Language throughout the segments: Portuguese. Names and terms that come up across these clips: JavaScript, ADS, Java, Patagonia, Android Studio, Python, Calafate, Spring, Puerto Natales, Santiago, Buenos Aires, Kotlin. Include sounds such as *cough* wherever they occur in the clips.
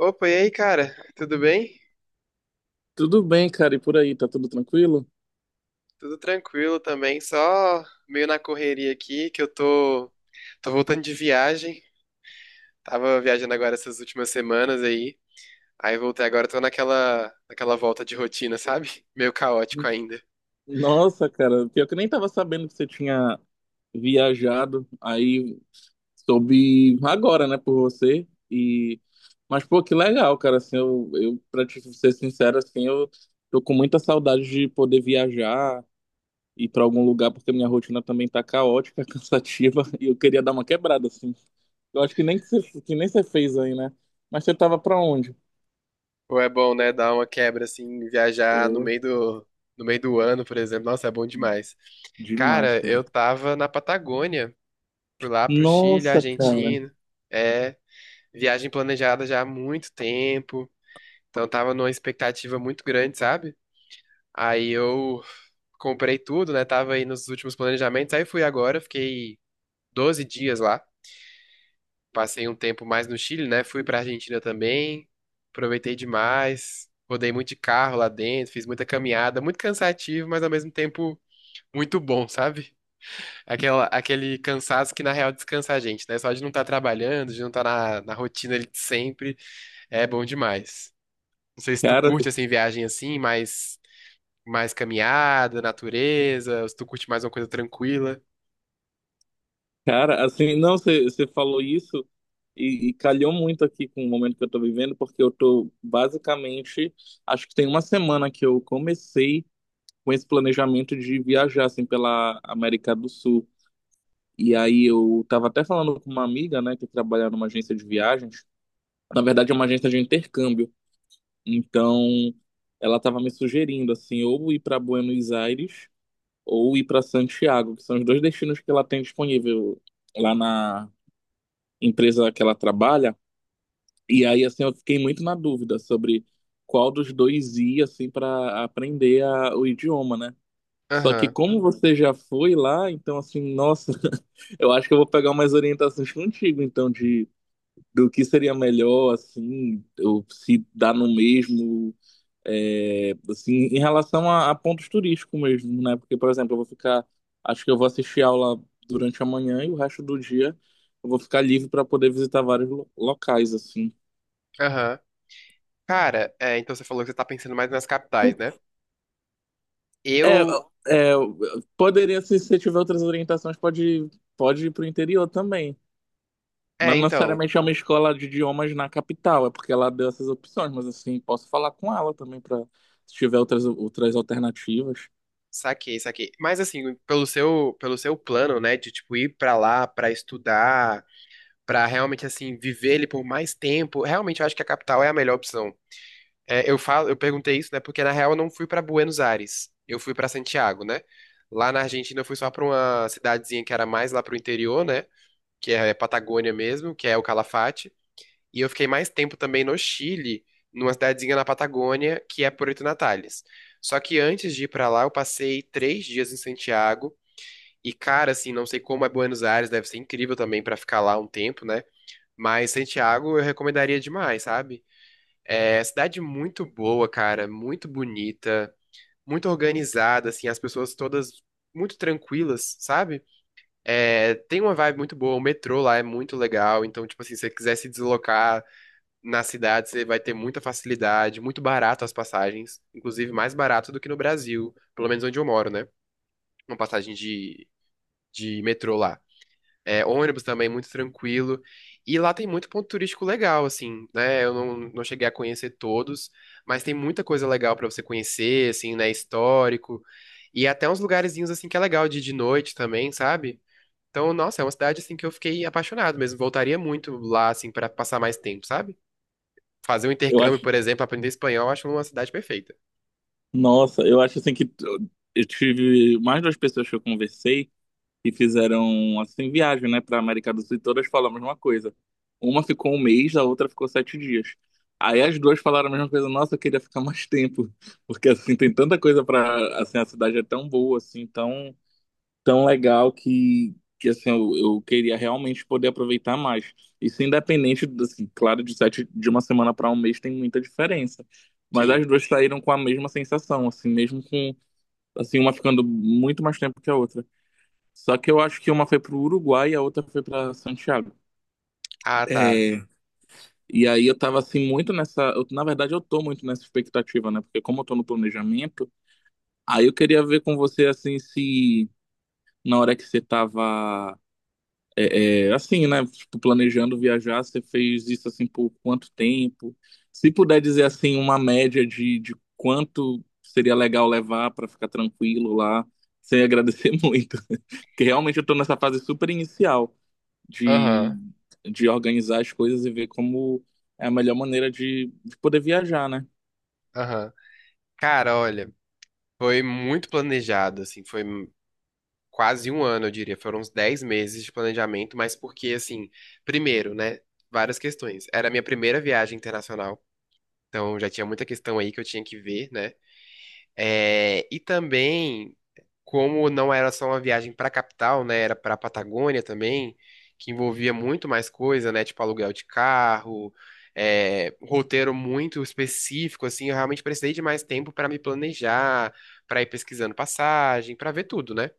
Opa, e aí, cara? Tudo bem? Tudo bem, cara, e por aí, tá tudo tranquilo? Tudo tranquilo também, só meio na correria aqui, tô voltando de viagem. Tava viajando agora essas últimas semanas aí. Aí voltei agora, tô naquela volta de rotina, sabe? *laughs* Meio caótico ainda. Nossa, cara, pior que eu nem tava sabendo que você tinha viajado, aí soube agora, né, por você, Mas, pô, que legal, cara, assim, eu pra te ser sincero, assim, eu tô com muita saudade de poder viajar, ir pra algum lugar, porque minha rotina também tá caótica, *laughs* cansativa, e eu queria dar uma quebrada, assim. Eu acho que nem que você, que nem você fez aí, né? Mas você tava pra onde? Pô, é bom, né? Dar uma quebra, assim, viajar Pô, no meio do ano, por exemplo. Nossa, é bom demais. demais, Cara, cara. eu tava na Patagônia. Fui lá pro Chile, Nossa, cara. Argentina. É, viagem planejada já há muito tempo, então tava numa expectativa muito grande, sabe? Aí eu comprei tudo, né? Tava aí nos últimos planejamentos, aí fui agora, fiquei 12 dias lá, passei um tempo mais no Chile, né? Fui pra Argentina também, aproveitei demais, rodei muito de carro lá dentro, fiz muita caminhada, muito cansativo, mas ao mesmo tempo muito bom, sabe? Aquele cansaço que na real descansa a gente, né? Só de não estar trabalhando, de não estar na rotina ali de sempre, é bom demais. Não sei se tu Cara, curte assim viagem assim, mais caminhada, natureza, ou se tu curte mais uma coisa tranquila. cara, assim, não, você falou isso e calhou muito aqui com o momento que eu tô vivendo, porque eu tô basicamente, acho que tem uma semana que eu comecei com esse planejamento de viajar, assim, pela América do Sul. E aí eu tava até falando com uma amiga, né, que trabalha numa agência de viagens, na verdade é uma agência de intercâmbio, então ela tava me sugerindo, assim, ou ir para Buenos Aires ou ir para Santiago, que são os dois destinos que ela tem disponível lá na empresa que ela trabalha. E aí, assim, eu fiquei muito na dúvida sobre qual dos dois ir, assim, para aprender o idioma, né? Só que Aham. como você já foi lá, então, assim, nossa, *laughs* eu acho que eu vou pegar umas orientações contigo, então, de do que seria melhor, assim, ou se dá no mesmo, é, assim, em relação a pontos turísticos mesmo, né? Porque, por exemplo, eu vou ficar, acho que eu vou assistir aula durante a manhã e o resto do dia eu vou ficar livre para poder visitar vários locais, assim. Aham. Cara, é, então você falou que você tá pensando mais nas capitais, né? É, Eu, é, poderia, se você tiver outras orientações, pode ir para o interior também. Não é, então, necessariamente é uma escola de idiomas na capital, é porque ela deu essas opções, mas assim, posso falar com ela também para se tiver outras alternativas. saquei. Mas assim, pelo seu plano, né, de tipo ir pra lá pra estudar, pra realmente assim viver ele por mais tempo, realmente eu acho que a capital é a melhor opção. É, eu falo, eu perguntei isso, né? Porque na real eu não fui pra Buenos Aires, eu fui pra Santiago, né? Lá na Argentina eu fui só pra uma cidadezinha que era mais lá pro interior, né? Que é é Patagônia mesmo, que é o Calafate. E eu fiquei mais tempo também no Chile, numa cidadezinha na Patagônia, que é Puerto Natales. Só que antes de ir pra lá, eu passei 3 dias em Santiago. E cara, assim, não sei como é Buenos Aires, deve ser incrível também pra ficar lá um tempo, né? Mas Santiago eu recomendaria demais, sabe? É, cidade muito boa, cara, muito bonita, muito organizada, assim, as pessoas todas muito tranquilas, sabe? É, tem uma vibe muito boa, o metrô lá é muito legal, então, tipo assim, se você quiser se deslocar na cidade, você vai ter muita facilidade, muito barato as passagens, inclusive mais barato do que no Brasil, pelo menos onde eu moro, né? Uma de metrô lá. É, ônibus também, muito tranquilo. E lá tem muito ponto turístico legal, assim, né? Eu não, não cheguei a conhecer todos, mas tem muita coisa legal pra você conhecer, assim, né? Histórico. E até uns lugarzinhos, assim, que é legal de ir de noite também, sabe? Então, nossa, é uma cidade, assim, que eu fiquei apaixonado mesmo. Voltaria muito lá, assim, pra passar mais tempo, sabe? Fazer um Eu intercâmbio, acho por exemplo, aprender espanhol, eu acho uma cidade perfeita. Nossa, eu acho assim que eu tive mais duas pessoas que eu conversei que fizeram assim viagem, né, para América do Sul e todas falam a mesma coisa. Uma ficou um mês, a outra ficou 7 dias. Aí as duas falaram a mesma coisa. Nossa, eu queria ficar mais tempo, *laughs* porque assim tem tanta coisa para assim a cidade é tão boa, assim, tão tão legal que assim, eu queria realmente poder aproveitar mais. Isso independente, assim, claro, de uma semana para um mês tem muita diferença. Mas as Sim. duas saíram com a mesma sensação, assim, mesmo com, assim, uma ficando muito mais tempo que a outra. Só que eu acho que uma foi pro Uruguai e a outra foi para Santiago. Ah, tá. É, e aí eu tava, assim, muito nessa... eu- na verdade, eu tô muito nessa expectativa, né? Porque como eu tô no planejamento, aí eu queria ver com você, assim, se na hora que você tava É, é, assim, né? Tipo, planejando viajar, você fez isso assim por quanto tempo? Se puder dizer assim, uma média de quanto seria legal levar para ficar tranquilo lá, sem agradecer *laughs* muito. Porque realmente eu tô nessa fase super inicial de, Aham, de organizar as coisas e ver como é a melhor maneira de poder viajar, né? aham. Cara, olha, foi muito planejado, assim, foi. Quase um ano, eu diria. Foram uns 10 meses de planejamento, mas porque, assim, primeiro, né? Várias questões. Era a minha primeira viagem internacional, então já tinha muita questão aí que eu tinha que ver, né? É, e também, como não era só uma viagem para a capital, né? Era para a Patagônia também, que envolvia muito mais coisa, né? Tipo aluguel de carro. É, um roteiro muito específico, assim, eu realmente precisei de mais tempo para me planejar, para ir pesquisando passagem, para ver tudo, né?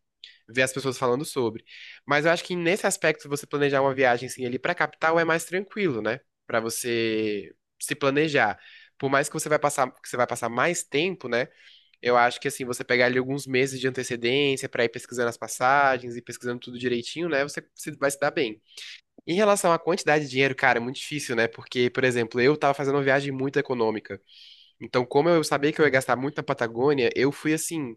Ver as pessoas falando sobre. Mas eu acho que nesse aspecto, você planejar uma viagem assim ali pra capital é mais tranquilo, né? Pra você se planejar. Por mais que que você vai passar mais tempo, né? Eu acho que assim, você pegar ali alguns meses de antecedência pra ir pesquisando as passagens e pesquisando tudo direitinho, né? Você se- vai se dar bem. Em relação à quantidade de dinheiro, cara, é muito difícil, né? Porque, por exemplo, eu tava fazendo uma viagem muito econômica. Então, como eu sabia que eu ia gastar muito na Patagônia, eu fui assim,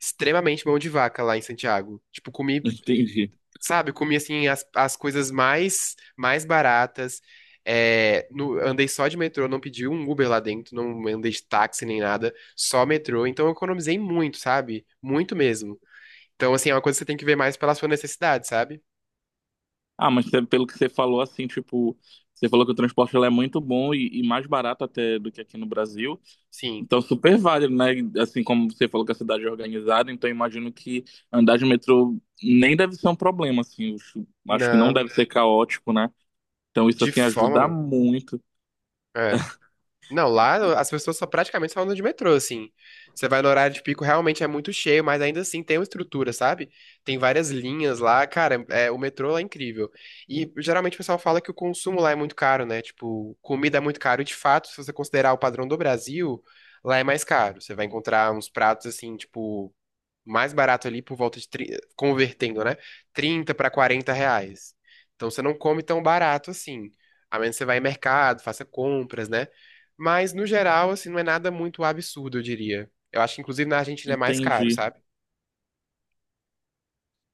extremamente mão de vaca lá em Santiago. Tipo, *laughs* Entendi. Comi assim as coisas mais baratas. É, andei só de metrô, não pedi um Uber lá dentro, não andei de táxi nem nada, só metrô. Então eu economizei muito, sabe? Muito mesmo. Então, assim, é uma coisa que você tem que ver mais pela sua necessidade, sabe? Ah, mas cê- pelo que você falou, assim, tipo, você falou que o transporte lá é muito bom e mais barato até do que aqui no Brasil. Sim. Então, super válido, né? Assim como você falou que a cidade é organizada, então imagino que andar de metrô nem deve ser um problema, assim. Acho que não Não, deve ser caótico, né? Então, isso, de assim, forma ajuda alguma. muito. É. Não, lá as pessoas só praticamente só andam de metrô, assim. Você vai no horário de pico, realmente é muito cheio, mas ainda assim tem uma estrutura, sabe? Tem várias linhas lá, cara, é, o metrô lá é incrível. E geralmente o pessoal fala que o consumo lá é muito caro, né? Tipo, comida é muito caro, e de fato, se você considerar o padrão do Brasil, lá é mais caro. Você vai encontrar uns pratos, assim, tipo, mais barato ali por volta de, convertendo, né? 30 a 40 reais. Então você não come tão barato assim. A menos que você vá em mercado, faça compras, né? Mas no geral, assim, não é nada muito absurdo, eu diria. Eu acho que inclusive na Argentina é mais caro, Entendi, sabe?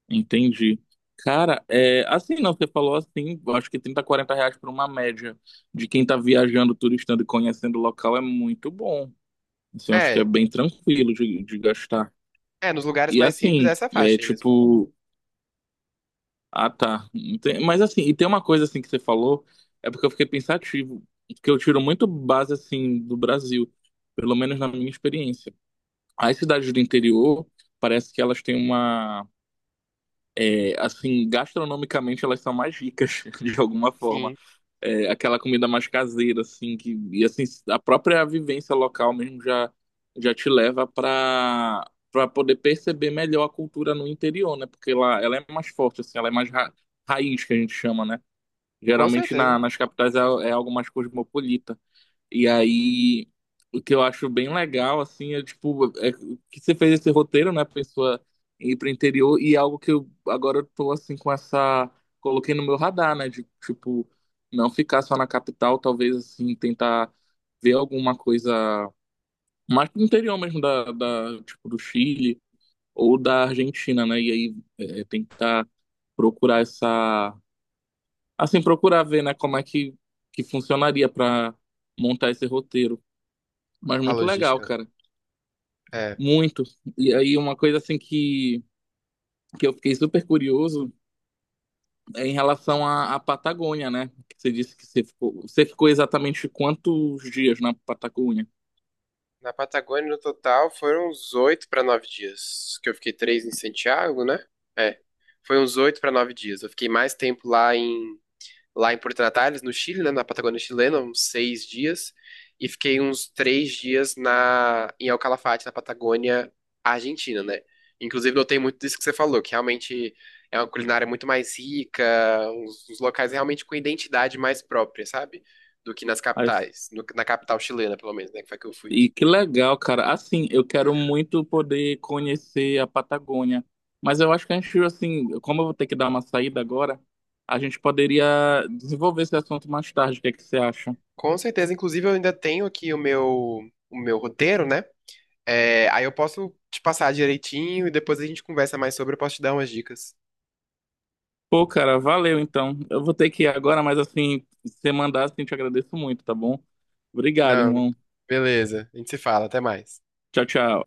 entendi. Cara, é, assim, não, você falou assim, eu acho que 30 40 reais por uma média de quem tá viajando, turistando e conhecendo o local é muito bom. Assim, eu acho que é É, bem tranquilo de gastar. é, nos lugares E mais simples assim, é essa é faixa aí mesmo. tipo. Ah, tá. Mas assim, e tem uma coisa assim que você falou, é porque eu fiquei pensativo, que eu tiro muito base assim do Brasil, pelo menos na minha experiência. As cidades do interior, parece que elas têm uma é, assim, gastronomicamente elas são mais ricas, *laughs* de alguma forma. Sim, É, aquela comida mais caseira, assim, que, e assim, a própria vivência local mesmo já, já te leva para poder perceber melhor a cultura no interior, né? Porque lá ela é mais forte, assim, ela é mais raiz, que a gente chama, né? com Geralmente na, certeza. nas capitais é, é algo mais cosmopolita. E aí, o que eu acho bem legal, assim, é tipo, é que você fez esse roteiro, né, pessoa ir pro interior, e é algo que eu agora eu tô, assim, com essa. Coloquei no meu radar, né, de tipo, não ficar só na capital, talvez, assim, tentar ver alguma coisa mais pro interior mesmo, tipo, do Chile ou da Argentina, né, e aí é, tentar procurar essa. Assim, procurar ver, né, como é que, funcionaria para montar esse roteiro. Mas A muito legal, logística. cara. É. Muito. E aí, uma coisa assim que, eu fiquei super curioso é em relação à Patagônia, né? Que você disse que você ficou exatamente quantos dias na Patagônia? Na Patagônia, no total, foram uns 8 a 9 dias. Que eu fiquei 3 em Santiago, né? É. Foi uns 8 a 9 dias. Eu fiquei mais tempo lá em Porto Natales, no Chile, né, na Patagônia chilena, uns 6 dias, e fiquei uns 3 dias na em El Calafate, na Patagônia Argentina, né? Inclusive, notei muito disso que você falou, que realmente é uma culinária muito mais rica, uns locais realmente com identidade mais própria, sabe? Do que nas Aí- capitais, na capital chilena, pelo menos, né, que foi que eu fui. E que legal, cara. Assim, eu quero muito poder conhecer a Patagônia. Mas eu acho que a gente, assim, como eu vou ter que dar uma saída agora, a gente poderia desenvolver esse assunto mais tarde. O que é que você acha? Com certeza, inclusive, eu ainda tenho aqui o meu roteiro, né? É, aí eu posso te passar direitinho e depois a gente conversa mais sobre, eu posso te dar umas dicas. Pô, cara, valeu então. Eu vou ter que ir agora, mas assim, se você mandar, assim, te agradeço muito, tá bom? Obrigado, Não, irmão. beleza, a gente se fala, até mais. Tchau, tchau.